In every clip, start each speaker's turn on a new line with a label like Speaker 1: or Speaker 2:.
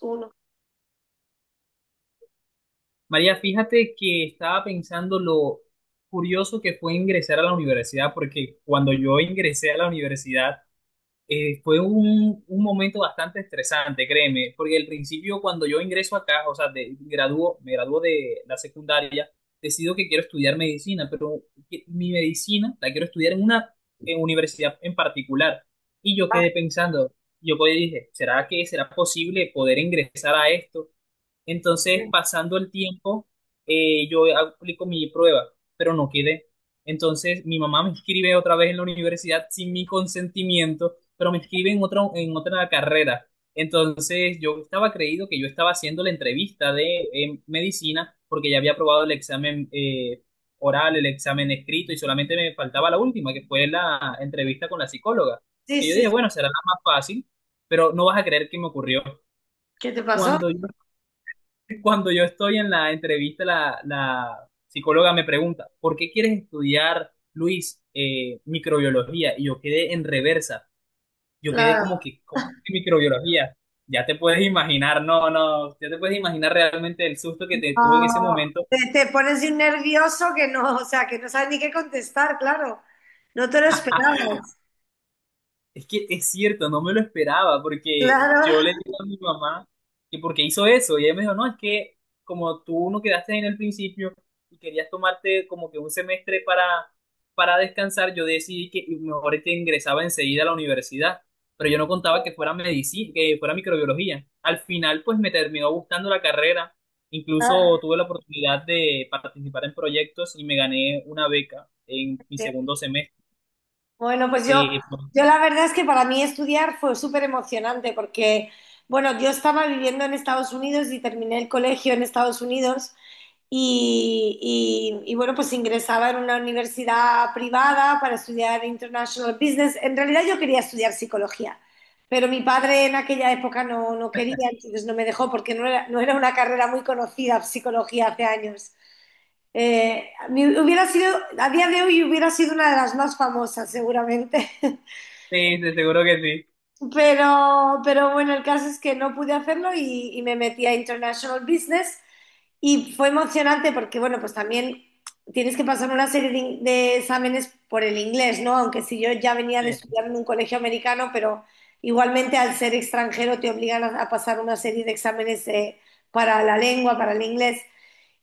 Speaker 1: Uno.
Speaker 2: María, fíjate que estaba pensando lo curioso que fue ingresar a la universidad, porque cuando yo ingresé a la universidad fue un momento bastante estresante, créeme, porque al principio cuando yo ingreso acá, o sea, de, gradúo, me graduó de la secundaria, decido que quiero estudiar medicina, pero mi medicina la quiero estudiar en una universidad en particular. Y yo quedé pensando, yo pues dije, ¿será que será posible poder ingresar a esto? Entonces, pasando el tiempo, yo aplico mi prueba, pero no quedé. Entonces, mi mamá me inscribe otra vez en la universidad sin mi consentimiento, pero me inscribe en otra carrera. Entonces, yo estaba creído que yo estaba haciendo la entrevista de medicina porque ya había aprobado el examen oral, el examen escrito y solamente me faltaba la última, que fue la entrevista con la psicóloga.
Speaker 1: Sí,
Speaker 2: Que yo
Speaker 1: sí.
Speaker 2: dije, bueno, será la más fácil, pero no vas a creer qué me ocurrió.
Speaker 1: ¿Qué te pasó?
Speaker 2: Cuando yo cuando yo estoy en la entrevista, la psicóloga me pregunta, ¿por qué quieres estudiar, Luis, microbiología? Y yo quedé en reversa. Yo quedé como
Speaker 1: Claro.
Speaker 2: que, ¿cómo que microbiología? Ya te puedes imaginar, no, no, ya te puedes imaginar realmente el susto que
Speaker 1: No,
Speaker 2: te tuve en ese momento.
Speaker 1: te pones de un nervioso que no, o sea, que no sabes ni qué contestar, claro. No te lo esperabas,
Speaker 2: Es que es cierto, no me lo esperaba porque
Speaker 1: claro.
Speaker 2: yo le digo a mi mamá que porque hizo eso y ella me dijo, no, es que como tú no quedaste en el principio y querías tomarte como que un semestre para descansar, yo decidí que mejor te ingresaba enseguida a la universidad, pero yo no contaba que fuera medicina, que fuera microbiología. Al final, pues me terminó gustando la carrera, incluso
Speaker 1: Ah,
Speaker 2: tuve la oportunidad de participar en proyectos y me gané una beca en mi
Speaker 1: bien.
Speaker 2: segundo semestre.
Speaker 1: Bueno, pues yo,
Speaker 2: Sí,
Speaker 1: yo la verdad es que para mí estudiar fue súper emocionante porque, bueno, yo estaba viviendo en Estados Unidos y terminé el colegio en Estados Unidos. Bueno, pues ingresaba en una universidad privada para estudiar International Business. En realidad yo quería estudiar psicología, pero mi padre en aquella época no quería, entonces no me dejó porque no era una carrera muy conocida, psicología, hace años. Hubiera sido, a día de hoy hubiera sido una de las más famosas seguramente,
Speaker 2: sí, te seguro que sí.
Speaker 1: pero bueno, el caso es que no pude hacerlo y me metí a International Business. Y fue emocionante porque, bueno, pues también tienes que pasar una serie de exámenes por el inglés, ¿no? Aunque si yo ya venía
Speaker 2: Sí,
Speaker 1: de estudiar en un colegio americano, pero igualmente al ser extranjero te obligan a pasar una serie de exámenes para la lengua, para el inglés.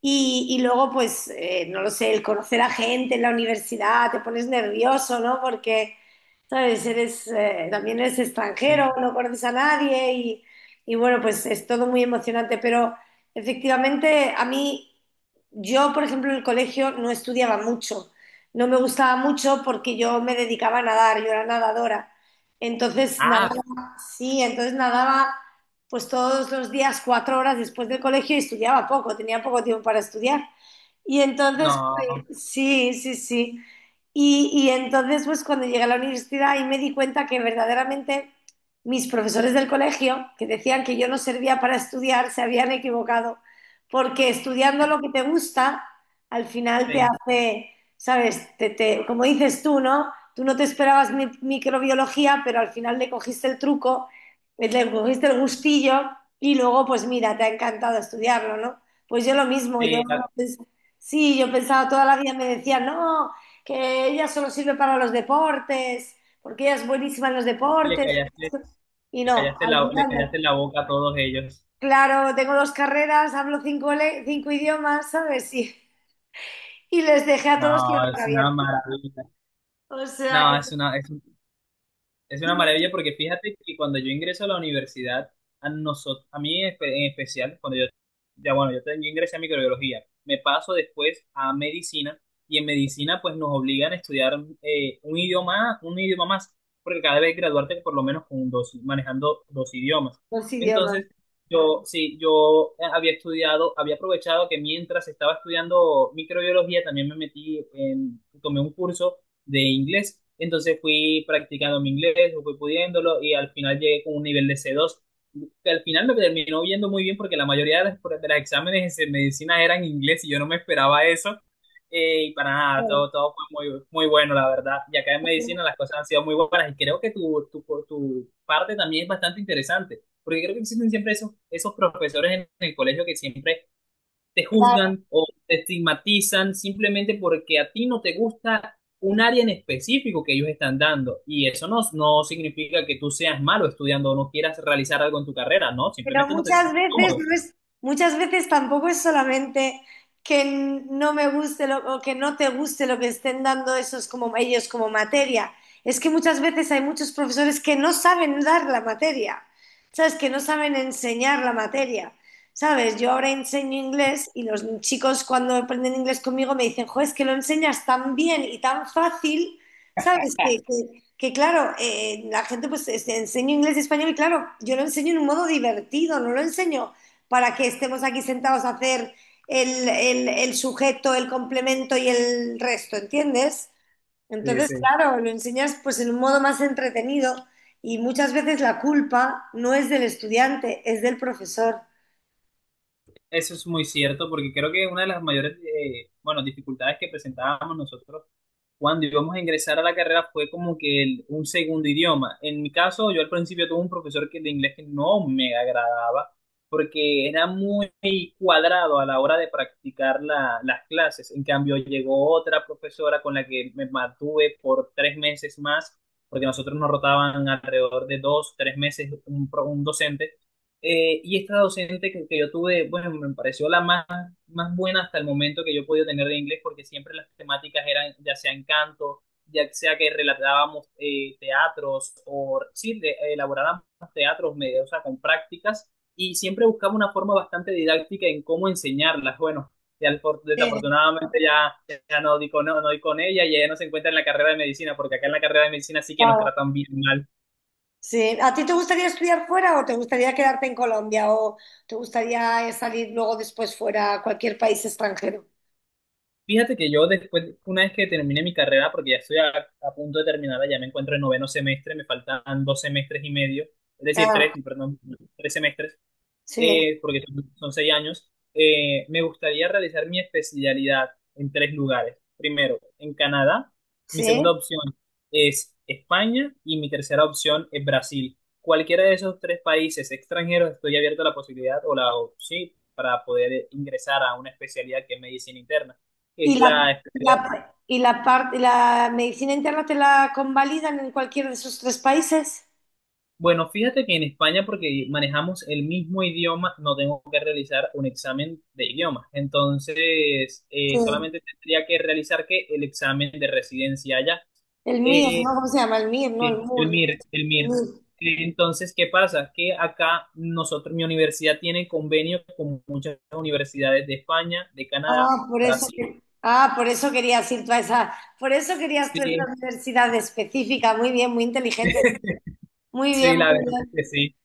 Speaker 1: Y luego, pues, no lo sé, el conocer a gente en la universidad, te pones nervioso, ¿no? Porque, ¿sabes? Eres, también eres
Speaker 2: sí.
Speaker 1: extranjero, no conoces a nadie y, y bueno, pues es todo muy emocionante, pero efectivamente a mí, yo por ejemplo en el colegio no estudiaba mucho, no me gustaba mucho porque yo me dedicaba a nadar, yo era nadadora, entonces
Speaker 2: Ah,
Speaker 1: nadaba, sí, entonces nadaba pues todos los días cuatro horas después del colegio y estudiaba poco, tenía poco tiempo para estudiar. Y entonces,
Speaker 2: no,
Speaker 1: pues, sí, sí, sí. Y entonces, pues cuando llegué a la universidad ahí me di cuenta que verdaderamente mis profesores del colegio, que decían que yo no servía para estudiar, se habían equivocado, porque estudiando lo que te gusta, al final te
Speaker 2: sí,
Speaker 1: hace, ¿sabes? Como dices tú, ¿no? Tú no te esperabas microbiología, pero al final le cogiste el truco, le cogiste el gustillo y luego, pues mira, te ha encantado estudiarlo, ¿no? Pues yo lo mismo, yo.
Speaker 2: sí,
Speaker 1: Sí, yo pensaba toda la vida, me decían, no, que ella solo sirve para los deportes, porque ella es buenísima en los
Speaker 2: le
Speaker 1: deportes.
Speaker 2: callaste,
Speaker 1: Y no, al
Speaker 2: le
Speaker 1: final
Speaker 2: callaste
Speaker 1: no.
Speaker 2: la boca a todos ellos.
Speaker 1: Claro, tengo dos carreras, hablo cinco, cinco idiomas, ¿sabes? Y les dejé a todos con la
Speaker 2: No,
Speaker 1: boca
Speaker 2: es una
Speaker 1: abierta.
Speaker 2: maravilla.
Speaker 1: O
Speaker 2: No,
Speaker 1: sea, que
Speaker 2: es una, es una
Speaker 1: son
Speaker 2: maravilla porque fíjate que cuando yo ingreso a la universidad, a nosotros, a mí en en especial, cuando yo, ya bueno, yo, yo ingresé a microbiología, me paso después a medicina y en medicina pues nos obligan a estudiar un idioma más, porque cada vez graduarte por lo menos con 2, manejando 2 idiomas.
Speaker 1: dos idiomas.
Speaker 2: Entonces, yo, sí, yo había estudiado, había aprovechado que mientras estaba estudiando microbiología, también me metí en, tomé un curso de inglés. Entonces fui practicando mi inglés, fui pudiéndolo y al final llegué con un nivel de C2 que al final me terminó yendo muy bien porque la mayoría de las de los exámenes de medicina eran en inglés y yo no me esperaba eso. Y para nada, todo, todo fue muy, muy bueno, la verdad. Y acá en medicina las cosas han sido muy buenas y creo que tu parte también es bastante interesante, porque creo que existen siempre esos, esos profesores en el colegio que siempre te juzgan o te estigmatizan simplemente porque a ti no te gusta un área en específico que ellos están dando. Y eso no, no significa que tú seas malo estudiando o no quieras realizar algo en tu carrera, ¿no?
Speaker 1: Pero
Speaker 2: Simplemente no te
Speaker 1: muchas
Speaker 2: sientes
Speaker 1: veces
Speaker 2: cómodo.
Speaker 1: no es, muchas veces tampoco es solamente que no me guste lo, o que no te guste lo que estén dando esos como ellos como materia. Es que muchas veces hay muchos profesores que no saben dar la materia, ¿sabes? Que no saben enseñar la materia. ¿Sabes? Yo ahora enseño inglés y los chicos cuando aprenden inglés conmigo me dicen, jo, es que lo enseñas tan bien y tan fácil, ¿sabes? Que claro, la gente pues este, enseño inglés y español y claro, yo lo enseño en un modo divertido, no lo enseño para que estemos aquí sentados a hacer el sujeto, el complemento y el resto, ¿entiendes?
Speaker 2: Sí,
Speaker 1: Entonces,
Speaker 2: sí.
Speaker 1: claro, lo enseñas pues en un modo más entretenido y muchas veces la culpa no es del estudiante, es del profesor.
Speaker 2: Eso es muy cierto porque creo que una de las mayores, bueno, dificultades que presentábamos nosotros cuando íbamos a ingresar a la carrera fue como que un segundo idioma. En mi caso, yo al principio tuve un profesor que, de inglés que no me agradaba porque era muy cuadrado a la hora de practicar las clases. En cambio, llegó otra profesora con la que me mantuve por 3 meses más, porque nosotros nos rotaban alrededor de 2, 3 meses un docente. Y esta docente que yo tuve, bueno, me pareció la más más buena hasta el momento que yo he podido tener de inglés, porque siempre las temáticas eran ya sea encanto, ya sea que relatábamos teatros o sí, elaborábamos teatros medios, o sea, con prácticas, y siempre buscaba una forma bastante didáctica en cómo enseñarlas. Bueno, ya
Speaker 1: Sí,
Speaker 2: desafortunadamente ya, ya no di con, no, no di con ella y ella no se encuentra en la carrera de medicina, porque acá en la carrera de medicina sí que nos
Speaker 1: claro.
Speaker 2: tratan bien mal.
Speaker 1: Sí. ¿A ti te gustaría estudiar fuera o te gustaría quedarte en Colombia o te gustaría salir luego después fuera a cualquier país extranjero?
Speaker 2: Fíjate que yo después, una vez que termine mi carrera, porque ya estoy a punto de terminarla, ya me encuentro en 9.º semestre, me faltan 2 semestres y medio, es decir, 3, perdón, 3 semestres
Speaker 1: Sí,
Speaker 2: porque son, son 6 años, me gustaría realizar mi especialidad en 3 lugares. Primero, en Canadá, mi
Speaker 1: sí.
Speaker 2: segunda opción es España y mi tercera opción es Brasil. Cualquiera de esos 3 países extranjeros estoy abierto a la posibilidad o la opción sí, para poder ingresar a una especialidad que es medicina interna, que es
Speaker 1: Y
Speaker 2: la especialidad.
Speaker 1: y la parte, la medicina interna te la convalidan en cualquiera de esos tres países.
Speaker 2: Bueno, fíjate que en España, porque manejamos el mismo idioma, no tengo que realizar un examen de idioma. Entonces,
Speaker 1: Sí.
Speaker 2: solamente tendría que realizar que el examen de residencia allá.
Speaker 1: El MIR,
Speaker 2: Eh,
Speaker 1: ¿no? ¿Cómo se llama? El MIR, no, el
Speaker 2: el
Speaker 1: MUR.
Speaker 2: MIR, el
Speaker 1: ¿No?
Speaker 2: MIR.
Speaker 1: El MIR.
Speaker 2: Entonces, ¿qué pasa? Que acá nosotros, mi universidad tiene convenio con muchas universidades de España, de Canadá,
Speaker 1: Ah, por eso
Speaker 2: Brasil.
Speaker 1: ah, por eso querías ir tú a esa, por eso querías tú a esa
Speaker 2: Sí,
Speaker 1: universidad específica. Muy bien, muy inteligente. Muy
Speaker 2: sí,
Speaker 1: bien,
Speaker 2: la verdad
Speaker 1: muy
Speaker 2: es
Speaker 1: bien.
Speaker 2: que sí.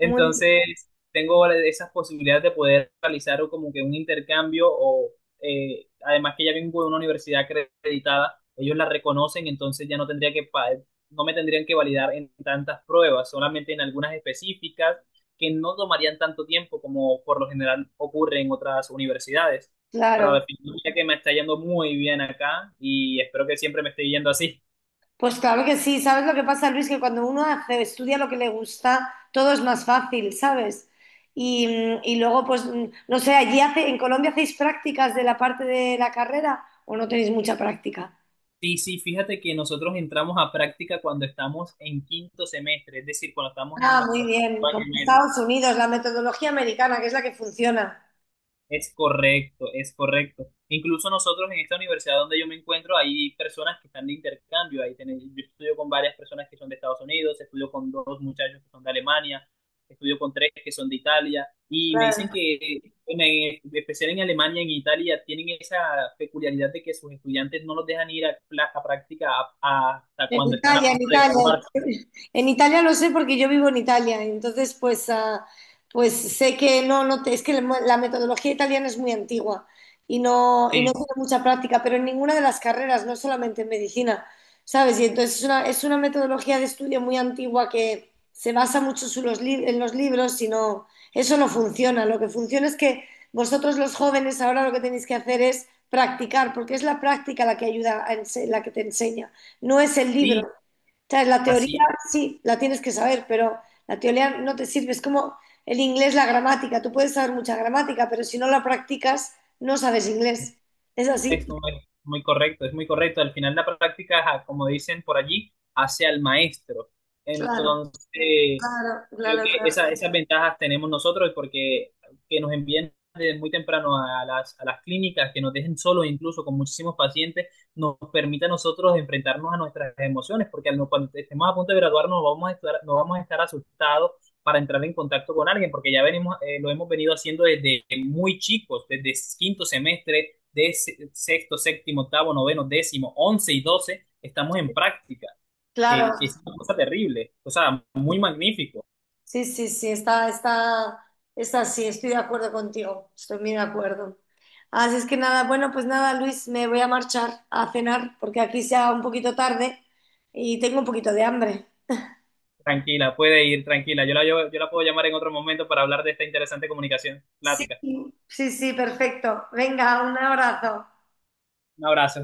Speaker 1: Muy
Speaker 2: tengo esas posibilidades de poder realizar como que un intercambio o además que ya vengo de una universidad acreditada, ellos la reconocen, entonces ya no tendría que no me tendrían que validar en tantas pruebas, solamente en algunas específicas que no tomarían tanto tiempo como por lo general ocurre en otras universidades. Pero
Speaker 1: claro.
Speaker 2: al final ya que me está yendo muy bien acá y espero que siempre me esté yendo así.
Speaker 1: Pues claro que sí, ¿sabes lo que pasa, Luis? Que cuando uno estudia lo que le gusta, todo es más fácil, ¿sabes? Y, y luego, pues, no sé, allí hace, en Colombia hacéis prácticas de la parte de la carrera o no tenéis mucha práctica.
Speaker 2: Sí, sí, fíjate que nosotros entramos a práctica cuando estamos en 5.º semestre, es decir, cuando estamos en
Speaker 1: Ah, muy
Speaker 2: nuestro sexto
Speaker 1: bien, como
Speaker 2: año y
Speaker 1: en
Speaker 2: medio.
Speaker 1: Estados Unidos, la metodología americana, que es la que funciona.
Speaker 2: Es correcto, es correcto. Incluso nosotros en esta universidad donde yo me encuentro hay personas que están de intercambio. Ahí yo estudio con varias personas que son de Estados Unidos, estudio con dos muchachos que son de Alemania, estudio con tres que son de Italia. Y me dicen que, en especial en Alemania, y en Italia, tienen esa peculiaridad de que sus estudiantes no los dejan ir a, a práctica hasta
Speaker 1: En
Speaker 2: cuando están a
Speaker 1: Italia, en
Speaker 2: punto de
Speaker 1: Italia.
Speaker 2: graduarse.
Speaker 1: En Italia lo sé porque yo vivo en Italia, entonces pues, ah, pues sé que no, es que la metodología italiana es muy antigua y no
Speaker 2: Sí,
Speaker 1: tiene mucha práctica, pero en ninguna de las carreras, no solamente en medicina, ¿sabes? Y entonces es una metodología de estudio muy antigua que se basa mucho en los libros y no, eso no funciona. Lo que funciona es que vosotros los jóvenes ahora lo que tenéis que hacer es practicar, porque es la práctica la que ayuda, la que te enseña no es el libro.
Speaker 2: sí,
Speaker 1: O sea, la teoría
Speaker 2: así
Speaker 1: sí, la tienes que saber, pero la teoría no te sirve. Es como el inglés, la gramática. Tú puedes saber mucha gramática, pero si no la practicas, no sabes
Speaker 2: es,
Speaker 1: inglés. Es así.
Speaker 2: es muy, muy correcto, es muy correcto. Al final la práctica, ajá, como dicen por allí, hace al maestro.
Speaker 1: Claro,
Speaker 2: Entonces,
Speaker 1: claro,
Speaker 2: creo
Speaker 1: claro,
Speaker 2: que
Speaker 1: claro.
Speaker 2: esas ventajas tenemos nosotros porque que nos envíen desde muy temprano a las clínicas, que nos dejen solos incluso con muchísimos pacientes, nos permite a nosotros enfrentarnos a nuestras emociones, porque al no- cuando estemos a punto de graduarnos vamos a estar, no vamos a estar asustados para entrar en contacto con alguien, porque ya venimos, lo hemos venido haciendo desde muy chicos, desde 5.º semestre, de sexto, séptimo, octavo, noveno, décimo, once y doce, estamos en práctica,
Speaker 1: Claro,
Speaker 2: que es una cosa terrible, o sea, muy magnífico.
Speaker 1: sí, sí, sí, está, está, está así, estoy de acuerdo contigo, estoy muy de acuerdo. Así es que nada, bueno, pues nada, Luis, me voy a marchar a cenar porque aquí sea un poquito tarde y tengo un poquito de hambre.
Speaker 2: Tranquila, puede ir, tranquila. Yo la, yo la puedo llamar en otro momento para hablar de esta interesante comunicación.
Speaker 1: Sí,
Speaker 2: Plática.
Speaker 1: sí, sí, perfecto. Venga, un abrazo.
Speaker 2: Un abrazo.